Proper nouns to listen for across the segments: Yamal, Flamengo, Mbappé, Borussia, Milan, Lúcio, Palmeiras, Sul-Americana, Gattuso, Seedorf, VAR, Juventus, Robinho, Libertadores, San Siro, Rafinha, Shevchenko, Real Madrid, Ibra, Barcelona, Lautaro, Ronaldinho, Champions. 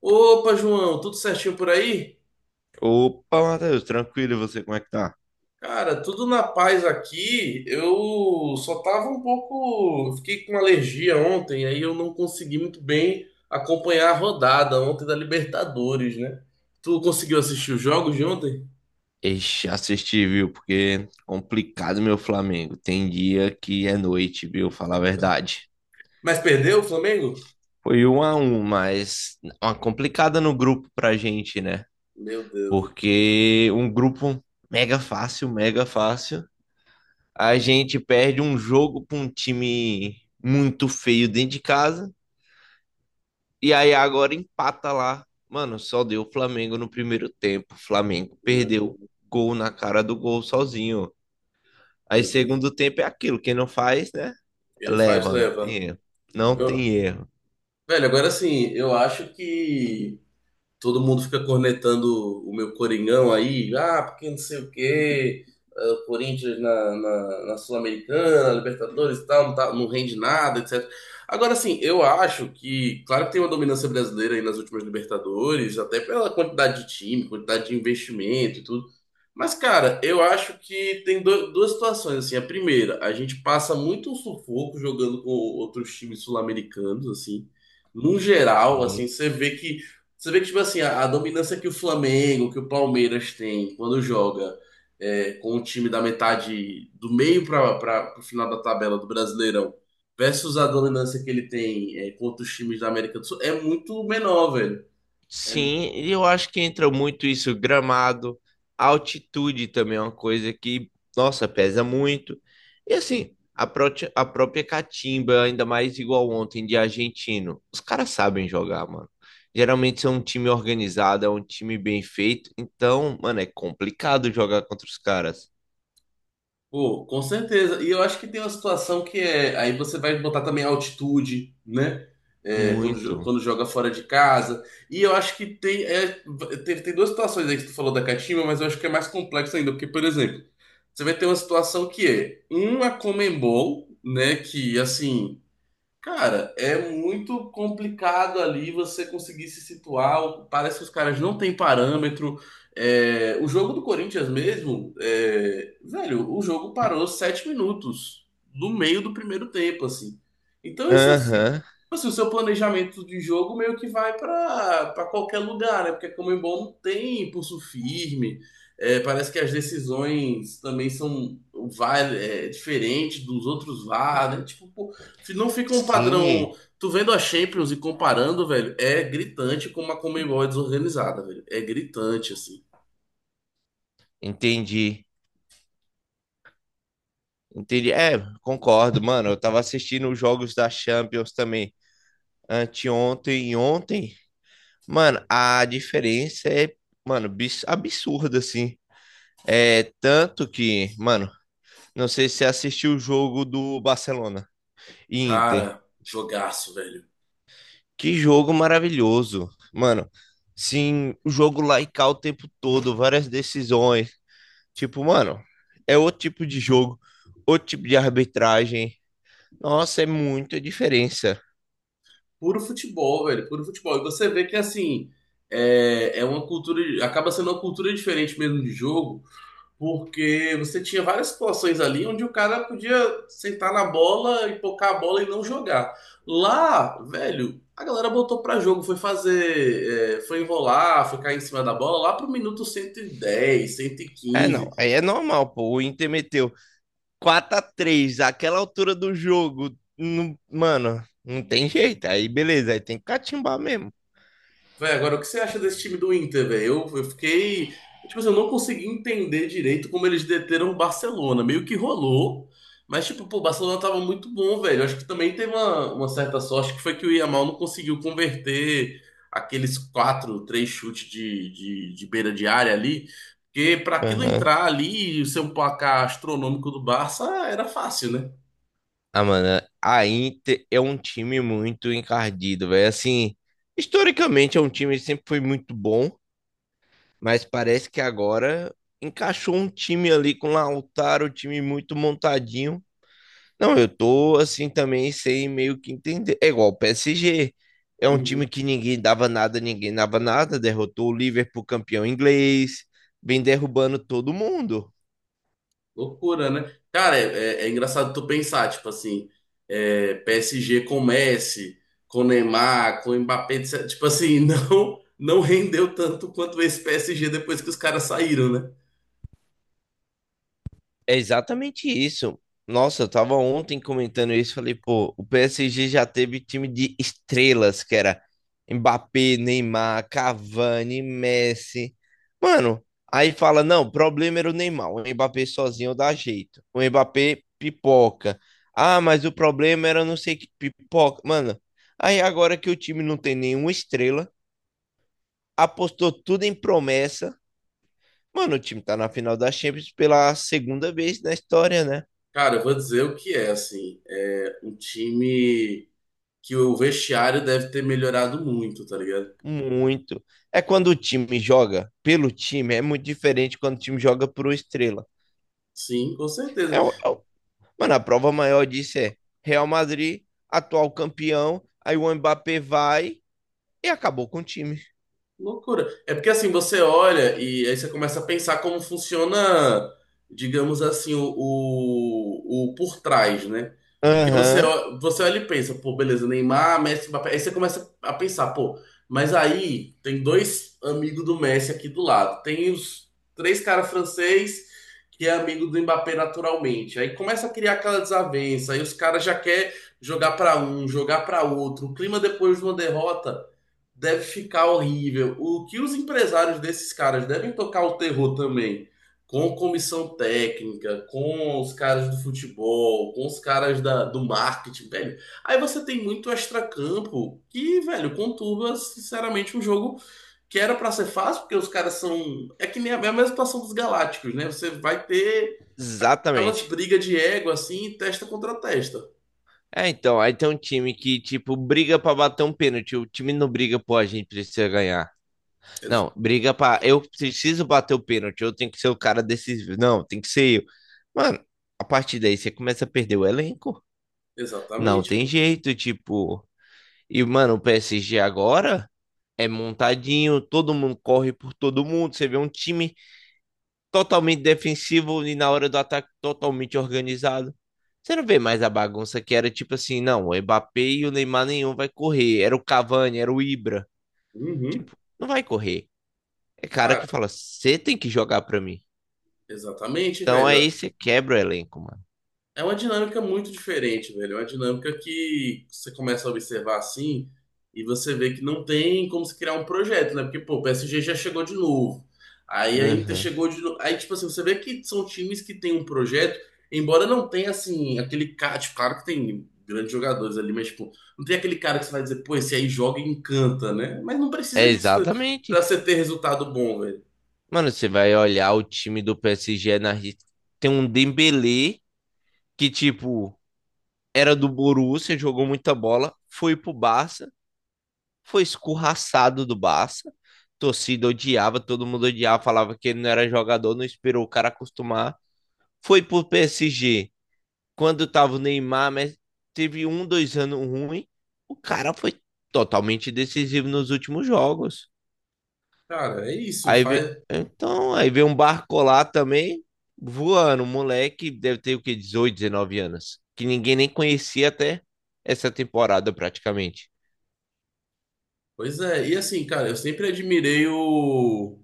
Opa, João, tudo certinho por aí? Opa, Matheus, tranquilo, e você como é que tá? Cara, tudo na paz aqui. Eu só tava um pouco. Fiquei com uma alergia ontem, aí eu não consegui muito bem acompanhar a rodada ontem da Libertadores, né? Tu conseguiu assistir os jogos de ontem? Ixi, assisti, viu? Porque complicado meu Flamengo. Tem dia que é noite, viu? Falar a verdade. Mas perdeu o Flamengo? Foi um a um, mas uma complicada no grupo pra gente, né? Meu Deus, Porque um grupo mega fácil, mega fácil. A gente perde um jogo pra um time muito feio dentro de casa. E aí agora empata lá. Mano, só deu o Flamengo no primeiro tempo. O Flamengo meu perdeu Deus, gol na cara do gol sozinho. Aí meu Deus. segundo tempo é aquilo, quem não faz, né? Quem não faz, Leva, não tem leva. erro. Não Eu- tem erro. Velho, agora sim, eu acho que todo mundo fica cornetando o meu Coringão aí, ah, porque não sei o quê, ah, o Corinthians na Sul-Americana, Libertadores e tal, não, não rende nada, etc. Agora, assim, eu acho que, claro que tem uma dominância brasileira aí nas últimas Libertadores, até pela quantidade de time, quantidade de investimento e tudo. Mas, cara, eu acho que duas situações, assim. A primeira, a gente passa muito um sufoco jogando com outros times sul-americanos, assim. Num geral, assim, Sim. você vê que, tipo assim, a dominância que o Flamengo, que o Palmeiras tem quando joga é, com o time da metade do meio para o final da tabela do Brasileirão, versus a dominância que ele tem é, contra os times da América do Sul, é muito menor, velho. É. Sim, e eu acho que entra muito isso, gramado, altitude também é uma coisa que, nossa, pesa muito. E assim, a própria catimba, ainda mais igual ontem de argentino, os caras sabem jogar, mano. Geralmente são um time organizado, é um time bem feito, então, mano, é complicado jogar contra os caras. Pô, com certeza. E eu acho que tem uma situação que é. Aí você vai botar também a altitude, né? É, quando, Muito. quando joga fora de casa. E eu acho que tem, Tem duas situações aí que tu falou da catimba, mas eu acho que é mais complexo ainda. Porque, por exemplo, você vai ter uma situação que é um a Conmebol, né? Que assim. Cara, é muito complicado ali você conseguir se situar. Parece que os caras não têm parâmetro. É, o jogo do Corinthians mesmo, é, velho, o jogo parou 7 minutos no meio do primeiro tempo, assim. Então isso assim, Aham, assim, o seu planejamento de jogo meio que vai para qualquer lugar, né? Porque a Conmebol não tem pulso firme. É, parece que as decisões também são o VAR é diferente dos outros VAR, né? Tipo, pô, não fica um padrão. sim, Tu vendo a Champions e comparando, velho, é gritante como a Conmebol é desorganizada, velho. É gritante, assim. entendi. Entendi. É, concordo, mano. Eu tava assistindo os jogos da Champions também, anteontem e ontem, mano, a diferença é, mano, absurda, assim. É tanto que, mano, não sei se você assistiu o jogo do Barcelona e Inter. Cara, jogaço, velho. Que jogo maravilhoso. Mano, sim, o jogo lá e cá o tempo todo, várias decisões. Tipo, mano, é outro tipo de jogo, outro tipo de arbitragem. Nossa, é muita diferença. Puro futebol, velho. Puro futebol. E você vê que, assim, é uma cultura. Acaba sendo uma cultura diferente mesmo de jogo. Porque você tinha várias situações ali onde o cara podia sentar na bola e pocar a bola e não jogar. Lá, velho, a galera botou pra jogo, foi fazer, é, foi enrolar, foi cair em cima da bola lá pro minuto 110 cento e É, quinze não, aí é normal, pô. O Inter meteu 4 a 3 aquela altura do jogo, mano, não tem jeito. Aí beleza, aí tem que catimbar mesmo. Véi, agora o que você acha desse time do Inter, velho? Eu fiquei. Tipo assim, eu não consegui entender direito como eles deteram o Barcelona. Meio que rolou. Mas, tipo, pô, o Barcelona tava muito bom, velho. Eu acho que também teve uma certa sorte que foi que o Yamal não conseguiu converter aqueles quatro, três chutes de beira de área ali. Porque pra aquilo Aham. entrar ali e ser um placar astronômico do Barça era fácil, Ah, mano, a Inter é um time muito encardido, velho. Assim, historicamente é um time que sempre foi muito bom, mas parece que agora encaixou um time ali com o Lautaro, um time muito montadinho. Não, eu tô assim também sem meio que entender. É igual o PSG. É um né? time que ninguém dava nada, ninguém dava nada. Derrotou o Liverpool campeão inglês. Vem derrubando todo mundo. Loucura, né? Cara, é engraçado tu pensar, tipo assim, é, PSG com Messi, com Neymar, com Mbappé, etc. tipo assim, não, não rendeu tanto quanto esse PSG depois que os caras saíram, né? É exatamente isso. Nossa, eu tava ontem comentando isso, falei, pô, o PSG já teve time de estrelas, que era Mbappé, Neymar, Cavani, Messi. Mano, aí fala, não, o problema era o Neymar, o Mbappé sozinho dá jeito. O Mbappé pipoca. Ah, mas o problema era não sei que pipoca. Mano, aí agora que o time não tem nenhuma estrela, apostou tudo em promessa. Mano, o time tá na final da Champions pela segunda vez na história, né? Cara, eu vou dizer o que é, assim, é um time que o vestiário deve ter melhorado muito, tá ligado? Muito. É quando o time joga pelo time, é muito diferente quando o time joga por uma estrela. Sim, com certeza. É, o- é o- Mano, a prova maior disso é Real Madrid, atual campeão, aí o Mbappé vai e acabou com o time. Loucura. É porque assim, você olha e aí você começa a pensar como funciona, digamos assim, o por trás, né? Porque você, Aham, ó- você olha e pensa, pô, beleza, Neymar, Messi, Mbappé. Aí você começa a pensar, pô, mas aí tem dois amigos do Messi aqui do lado. Tem os três caras francês que é amigo do Mbappé naturalmente. Aí começa a criar aquela desavença, aí os caras já quer jogar pra um, jogar pra outro. O clima depois de uma derrota deve ficar horrível. O que os empresários desses caras devem tocar o terror também, com comissão técnica, com os caras do futebol, com os caras da, do marketing, velho. Aí você tem muito extracampo que, velho, conturba, sinceramente, um jogo que era pra ser fácil, porque os caras são. É que nem a é a mesma situação dos Galácticos, né? Você vai ter aquelas exatamente. brigas de ego assim, testa contra testa. É, então, aí tem um time que, tipo, briga pra bater um pênalti. O time não briga, pô, a gente precisa ganhar. Ex- Não, briga pra. Eu preciso bater o pênalti, eu tenho que ser o cara decisivo. Não, tem que ser eu. Mano, a partir daí você começa a perder o elenco. Não exatamente, tem pô. jeito, tipo. E, mano, o PSG agora é montadinho, todo mundo corre por todo mundo. Você vê um time totalmente defensivo e na hora do ataque totalmente organizado. Você não vê mais a bagunça que era tipo assim, não, o Mbappé e o Neymar nenhum vai correr. Era o Cavani, era o Ibra. Uhum. Tipo, não vai correr. É cara Cara, que fala, você tem que jogar pra mim. exatamente, Então velho. aí você quebra o elenco, mano. É uma dinâmica muito diferente, velho. É uma dinâmica que você começa a observar assim e você vê que não tem como se criar um projeto, né? Porque, pô, o PSG já chegou de novo. Aí a Inter Aham. chegou de novo. Aí, tipo assim, você vê que são times que têm um projeto, embora não tenha, assim, aquele cara. Tipo, claro que tem grandes jogadores ali, mas, tipo, não tem aquele cara que você vai dizer, pô, esse aí joga e encanta, né? Mas não É precisa disso exatamente. pra você ter resultado bom, velho. Mano, você vai olhar o time do PSG na Argentina. Tem um Dembélé que tipo era do Borussia, jogou muita bola, foi pro Barça, foi escorraçado do Barça. Torcida odiava, todo mundo odiava, falava que ele não era jogador, não esperou o cara acostumar. Foi pro PSG. Quando tava o Neymar, mas teve um, dois anos ruim, o cara foi totalmente decisivo nos últimos jogos. Cara, é isso. Aí vem, Faz. então, aí vem um barco lá também, voando, um moleque, deve ter o quê? 18, 19 anos, que ninguém nem conhecia até essa temporada praticamente. Pois é. E assim, cara,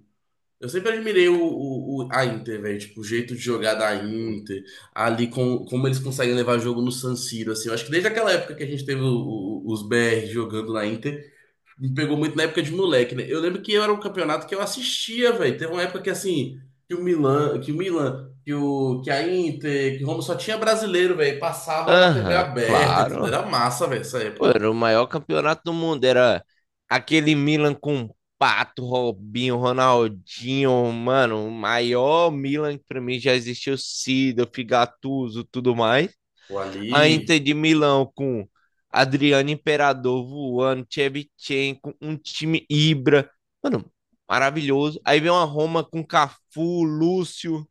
Eu sempre admirei a Inter, velho. Tipo, o jeito de jogar da Inter, ali com, como eles conseguem levar jogo no San Siro, assim. Eu acho que desde aquela época que a gente teve os BR jogando na Inter, me pegou muito na época de moleque, né? Eu lembro que era um campeonato que eu assistia, velho. Teve uma época que, assim, que o Milan, que o Milan, que, o, que a Inter, que o Roma só tinha brasileiro, velho. Passava na TV Aham, aberta e tudo. claro. Era massa, velho, essa Pô, época. era o maior campeonato do mundo, era aquele Milan com Pato, Robinho, Ronaldinho, mano, o maior Milan que pra mim já existiu, Seedorf, Gattuso, tudo mais. Pô, A ali, Inter de Milão com Adriano Imperador voando, Shevchenko, um time Ibra. Mano, maravilhoso. Aí vem uma Roma com Cafu, Lúcio.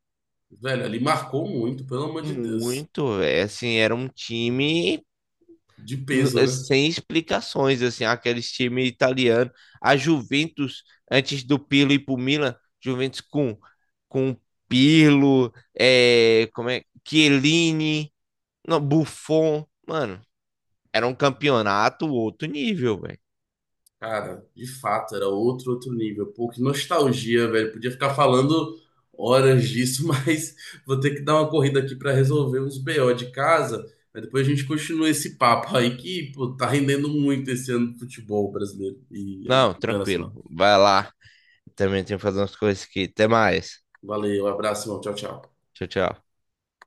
velho, ali marcou muito, pelo amor de Deus. Muito, velho. Assim, era um time De peso, é, né? sem explicações, assim, aqueles times italianos. A Juventus, antes do Pirlo ir pro Milan, Juventus com Pirlo, é, como é, Chiellini, não, Buffon. Mano, era um campeonato outro nível, velho. Cara, de fato, era outro nível. Pô, que nostalgia, velho. Podia ficar falando horas disso, mas vou ter que dar uma corrida aqui pra resolver uns BO de casa. Mas depois a gente continua esse papo aí que, pô, tá rendendo muito esse ano do futebol brasileiro e Não, tranquilo. internacional. Vai lá. Também tenho que fazer umas coisas aqui. Até mais. Valeu, abraço, irmão. Tchau, tchau. Tchau, tchau.